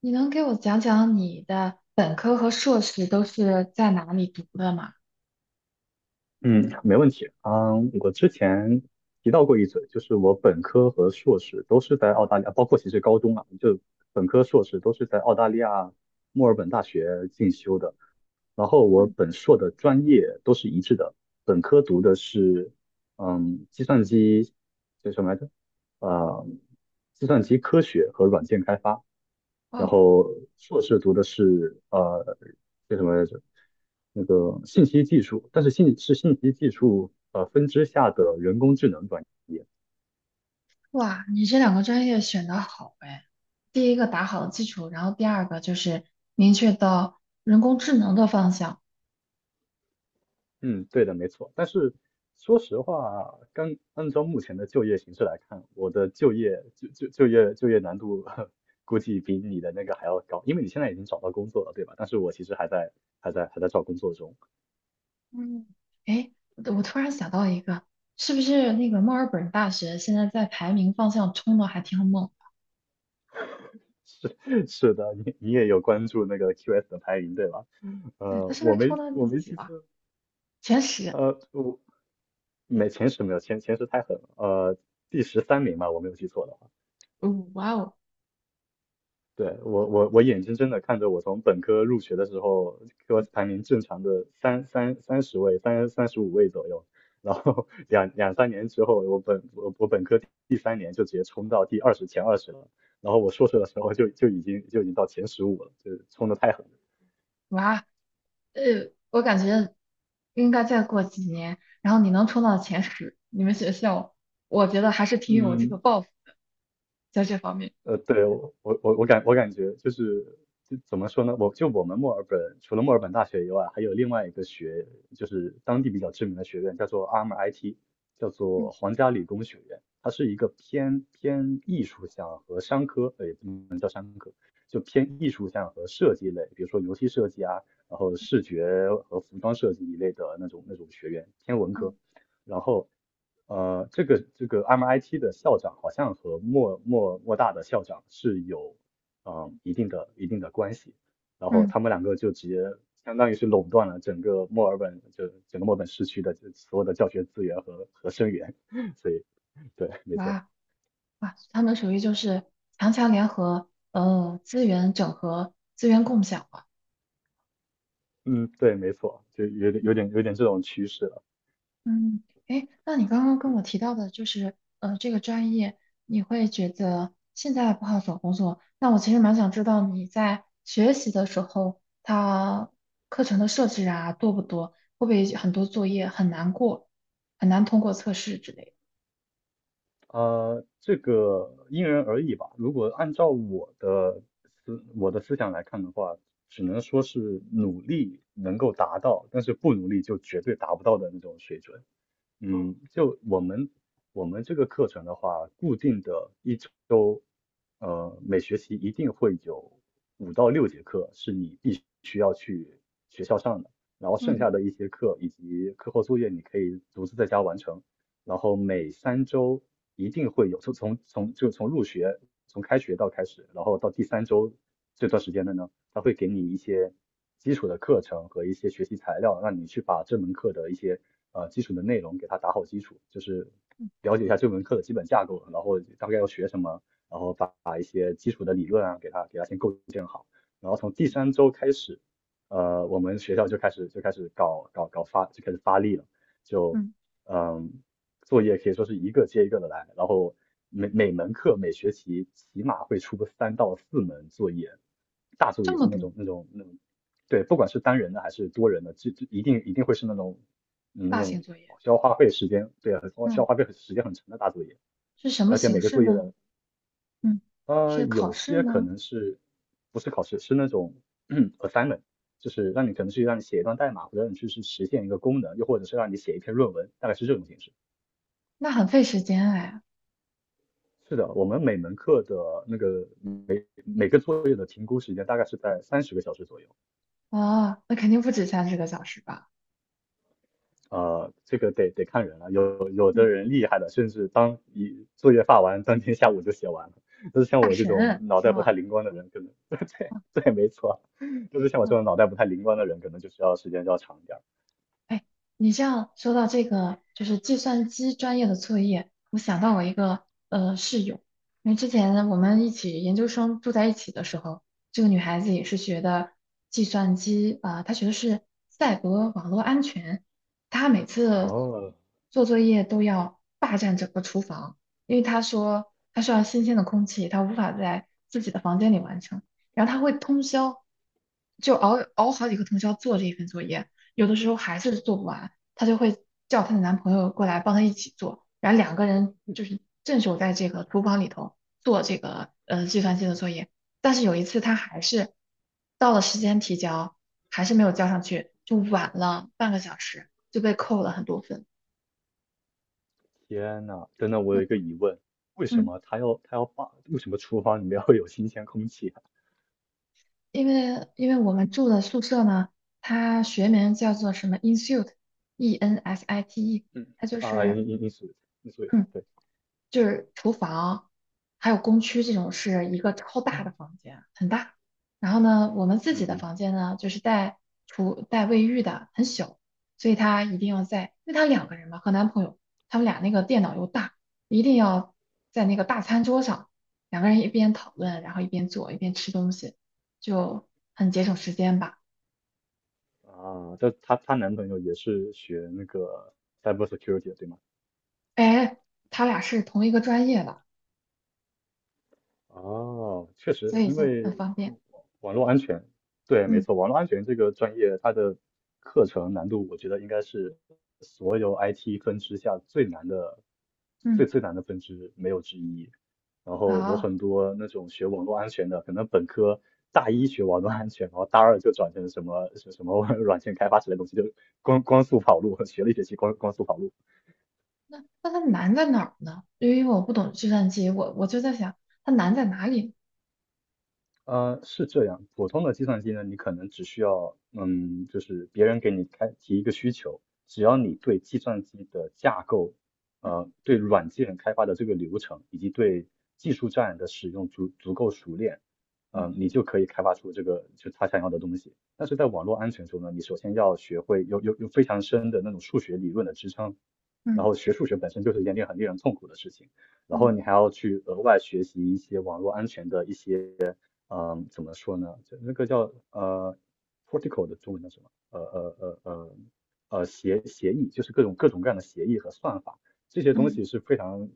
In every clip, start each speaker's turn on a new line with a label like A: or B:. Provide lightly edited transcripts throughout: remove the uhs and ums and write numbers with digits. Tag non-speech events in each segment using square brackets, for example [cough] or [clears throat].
A: 你能给我讲讲你的本科和硕士都是在哪里读的吗？
B: 嗯，没问题。嗯，我之前提到过一嘴，就是我本科和硕士都是在澳大利亚，包括其实高中啊，就本科、硕士都是在澳大利亚墨尔本大学进修的。然后我本硕的专业都是一致的，本科读的是计算机叫什么来着？呃，计算机科学和软件开发。然
A: 哦，
B: 后硕士读的是叫什么来着？那个信息技术，但是信息技术分支下的人工智能专业。
A: 哇，你这两个专业选得好哎！第一个打好了基础，然后第二个就是明确到人工智能的方向。
B: 嗯，对的，没错。但是说实话，刚按照目前的就业形势来看，我的就业就就就业就业难度 [laughs] 估计比你的那个还要高，因为你现在已经找到工作了，对吧？但是我其实还在找工作中。
A: 嗯，哎，我突然想到一个，是不是那个墨尔本大学现在在排名方向冲的还挺猛的？
B: [laughs] 是是的，你也有关注那个 QS 的排名，对吧？
A: 对，它
B: 呃，
A: 是不是冲到
B: 我
A: 第
B: 没
A: 几
B: 记
A: 了？
B: 错，
A: 前十？
B: 呃，我没前十没有前前十太狠了，呃，第十三名吧，我没有记错的话。
A: 哦，哇哦，
B: 对，我眼睁睁的看着我从本科入学的时候，给我排名正常的三十位，三十五位左右，然后 [laughs] 两三年之后，我本科第三年就直接冲到第二十前二十了，然后我硕士的时候就已经到前十五了，就是冲的太狠了。
A: 哇，我感觉应该再过几年，然后你能冲到前十，你们学校，我觉得还是挺有这个
B: 嗯，
A: 抱负在这方面。
B: 呃，对，我感觉就是就怎么说呢？我们墨尔本除了墨尔本大学以外，还有另外一个学，就是当地比较知名的学院，叫做 ARMIT，叫
A: 嗯
B: 做皇家理工学院。它是一个偏艺术向和商科，呃，就偏艺术向和设计类，比如说游戏设计啊，然后视觉和服装设计一类的那种学院，偏文
A: 嗯
B: 科。然后呃，这个 MIT 的校长好像和莫大的校长是有一定的关系，然后
A: 嗯，
B: 他们两个就直接相当于是垄断了整个墨尔本，就整个墨尔本市区的这所有的教学资源和生源，[laughs] 所以对，没错，
A: 哇哇，他们属于就是强强联合，资源整合、资源共享吧。
B: 嗯，对，没错，就有点这种趋势了。
A: 嗯，哎，那你刚刚跟我提到的，就是这个专业，你会觉得现在不好找工作。那我其实蛮想知道你在学习的时候，它课程的设置啊，多不多？会不会很多作业很难过，很难通过测试之类
B: 呃，这个因人而异吧。如果按照我的思想来看的话，只能说是努力能够达到，但是不努力就绝对达不到的那种水准。嗯，就我们这个课程的话，固定的一周，呃，每学期一定会有五到六节课是你必须要去学校上的，然后
A: 的？
B: 剩
A: 嗯
B: 下的一些课以及课后作业你可以独自在家完成。然后每三周一定会有，从从从就从入学从开学到开始，然后到第三周这段时间的呢。他会给你一些基础的课程和一些学习材料，让你去把这门课的一些基础的内容给它打好基础，就是了解一下这门课的基本架构，然后大概要学什么，然后一些基础的理论啊给它先构建好，然后从第三周开始，呃，我们学校就开始发力了，就
A: 嗯，
B: 嗯作业可以说是一个接一个的来，然后每门课每学期起码会出个三到四门作业，大作
A: 这
B: 业
A: 么
B: 是
A: 多，
B: 那种，对，不管是单人的还是多人的，就一定会是那种那
A: 大型
B: 种
A: 作业，
B: 需要花费时间，对啊，需要
A: 嗯，
B: 花费时间很长的大作业，
A: 是什么
B: 而且
A: 形
B: 每个
A: 式
B: 作业
A: 呢？
B: 的
A: 嗯，是考
B: 有
A: 试
B: 些可
A: 吗？
B: 能是不是考试，是那种 [clears throat] assignment。就是让你可能让你写一段代码，或者让你去实现一个功能，又或者是让你写一篇论文，大概是这种形式。
A: 那很费时间哎。
B: 是的，我们每门课的那个每个作业的评估时间大概是在三十个小时左右。
A: 啊，那肯定不止30个小时吧？
B: 呃，这个得看人了，有的
A: 嗯
B: 人厉害的，甚至当一作业发完，当天下午就写完了。但是像
A: 大
B: 我这种
A: 神
B: 脑
A: 是
B: 袋不太
A: 吗？
B: 灵光的人，可能 [laughs] 对，没错，就是像我这种脑袋不太灵光的人，可能就需要时间就要长一点儿。
A: 哎，你这样说到这个，就是计算机专业的作业，我想到我一个室友，因为之前我们一起研究生住在一起的时候，这个女孩子也是学的计算机啊，她学的是赛博网络安全，她每次
B: 哦，
A: 做作业都要霸占整个厨房，因为她说她需要新鲜的空气，她无法在自己的房间里完成，然后她会通宵就熬好几个通宵做这一份作业。有的时候还是做不完，她就会叫她的男朋友过来帮她一起做，然后两个人就是镇守在这个厨房里头做这个计算机的作业。但是有一次她还是到了时间提交，还是没有交上去，就晚了半个小时，就被扣了很多分。
B: 天呐，真的，我
A: 嗯，
B: 有一个疑问，为什
A: 嗯，
B: 么他要他要把为什么厨房里面会有新鲜空气啊？
A: 因为我们住的宿舍呢，它学名叫做什么 Insite，ENSITE，
B: 嗯。
A: 它就
B: 啊，
A: 是
B: 因属于你属于
A: 嗯
B: 对，
A: 厨房，还有工区这种是一个超大的房间，很大。然后呢，我们自
B: 嗯
A: 己的
B: 嗯。
A: 房间呢，就是带厨带卫浴的，很小，所以她一定要在，因为她两个人嘛，和男朋友，他们俩那个电脑又大，一定要在那个大餐桌上，两个人一边讨论，然后一边做，一边吃东西，就很节省时间吧。
B: 啊，这她男朋友也是学那个 cyber security 的，对吗？
A: 哎，他俩是同一个专业的，
B: 哦，确
A: 所
B: 实，
A: 以
B: 因
A: 就很
B: 为
A: 方便。
B: 网络安全，对，没
A: 嗯，
B: 错，网络安全这个专业它的课程难度，我觉得应该是所有 IT 分支下最难的、
A: 嗯，
B: 最难的分支，没有之一。然后我
A: 好。
B: 很多那种学网络安全的，可能本科大一学网络安全，然后大二就转成什么 [laughs] 软件开发之类的东西，就光速跑路，学了一学期光速跑路。
A: 那它难在哪儿呢？因为我不懂计算机，我就在想它难在哪里。
B: 呃，是这样，普通的计算机呢，你可能只需要，嗯，就是别人给你开提一个需求，只要你对计算机的架构，呃，对软件开发的这个流程，以及对技术栈的使用足足够熟练，呃，
A: 嗯
B: 你就可以开发出这个就他想要的东西。但是在网络安全中呢，你首先要学会有非常深的那种数学理论的支撑，然
A: 嗯
B: 后学数学本身就是一件很令人痛苦的事情。然后
A: 嗯
B: 你还要去额外学习一些网络安全的一些，嗯，怎么说呢？就那个叫protocol 的中文叫什么？协议，就是各样的协议和算法，这些
A: 嗯
B: 东
A: 嗯
B: 西是非常，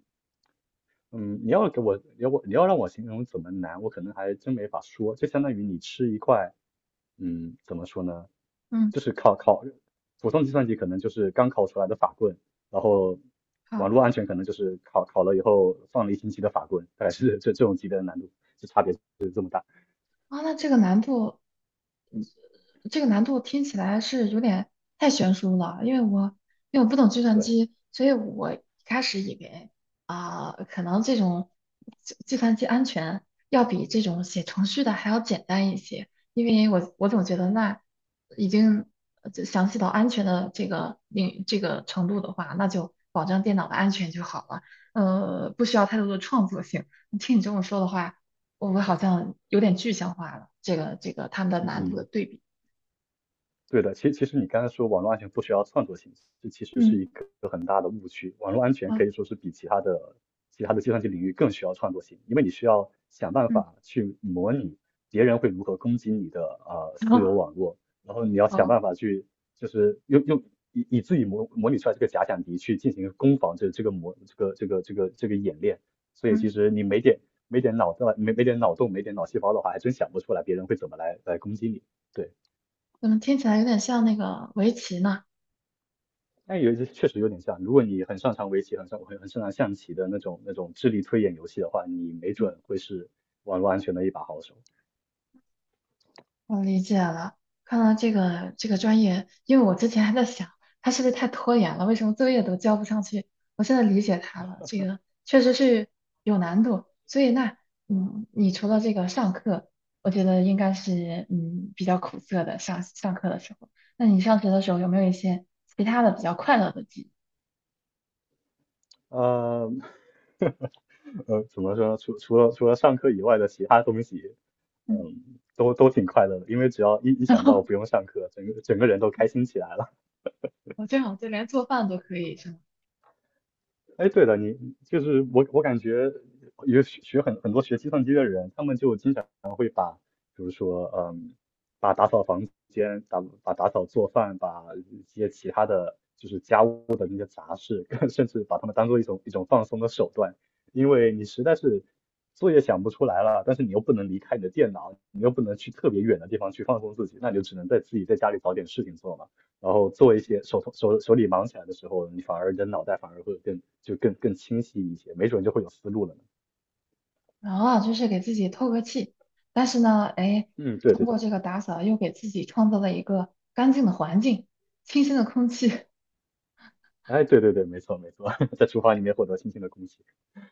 B: 嗯，你要给我，你要我，你要让我形容怎么难，我可能还真没法说。就相当于你吃一块，嗯，怎么说呢？
A: 嗯，
B: 就是普通计算机可能就是刚考出来的法棍，然后
A: 好
B: 网络安全可能就是考了以后放了一星期的法棍，大概是这种级别的难度，就差别是这么大。
A: 啊，那这个难度听起来是有点太悬殊了，因为我不懂计算
B: 对，
A: 机，所以我一开始以为啊、可能这种算机安全要比这种写程序的还要简单一些，因为我总觉得那已经就详细到安全的这个领这个程度的话，那就保证电脑的安全就好了，不需要太多的创作性。听你这么说的话，我好像有点具象化了这个他们的难度的
B: 嗯，
A: 对比。
B: 对的。其实你刚才说网络安全不需要创作性，这其实是
A: 嗯，
B: 一个区，网络安全
A: 好，
B: 可以说是比其他的计算机领域更需要创作性，因为你需要想办
A: 嗯，
B: 法去模拟别人会如何攻击你的私有
A: 好，
B: 网络，然后你要想
A: 哦，
B: 办法去就是用以自己模拟出来这个假想敌去进行攻防这个模这个这个这个这个演练，所以其
A: 嗯，
B: 实你没点没点脑洞没点脑细胞的话，还真想不出来别人会怎么来攻击你，对。
A: 怎么听起来有点像那个围棋呢？
B: 但有一只确实有点像，如果你很擅长围棋，很擅很很擅长象棋的那种智力推演游戏的话，你没
A: 嗯，
B: 准会是网络安全的一把好手。
A: 我理解了。看到这个专业，因为我之前还在想，他是不是太拖延了？为什么作业都交不上去？我现在理解他了，这个确实是有难度。所以那，嗯，你除了这个上课，我觉得应该是比较苦涩的上课的时候。那你上学的时候有没有一些其他的比较快乐的记忆？
B: 呃怎么说呢？除了上课以外的其他东西，
A: 嗯，
B: 嗯，都挺快乐的，因为只要一
A: [laughs] 然
B: 想到
A: 后
B: 不用上课，整个人都开心起来了。
A: 我这好就连做饭都可以，是吗？
B: 哎，对了，你就是我感觉有很多学计算机的人，他们就经常。比如说，嗯，把打扫房间、打扫、做饭、把一些其他的就是家务的那些杂事，[laughs] 甚至把它们当做一种放松的手段，因为你实在是作业想不出来了，但是你又不能离开你的电脑，你又不能去特别远的地方去放松自己，那你就只能在自己在家里找点事情做嘛，然后做一些手头手手里忙起来的时候，你反而你的脑袋反而会更就更更清晰一些，没准就会有思路了呢。
A: 然后啊，就是给自己透个气。但是呢，哎，
B: 嗯，对
A: 通
B: 对
A: 过
B: 对。
A: 这个打扫，又给自己创造了一个干净的环境、清新的空气，[laughs]
B: 哎，对对对，没错没错，[laughs] 在厨房里面获得新鲜的空气。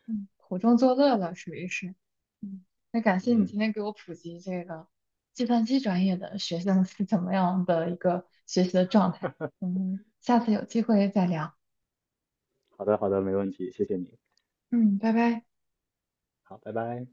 A: 嗯，苦中作乐了，属于是。嗯，那感谢你
B: 嗯，
A: 今天给我普及这个计算机专业的学生是怎么样的一个学习的状态。嗯，下次有机会再聊。
B: 好的好的，没问题，谢谢你。
A: 嗯，拜拜。
B: 好，拜拜。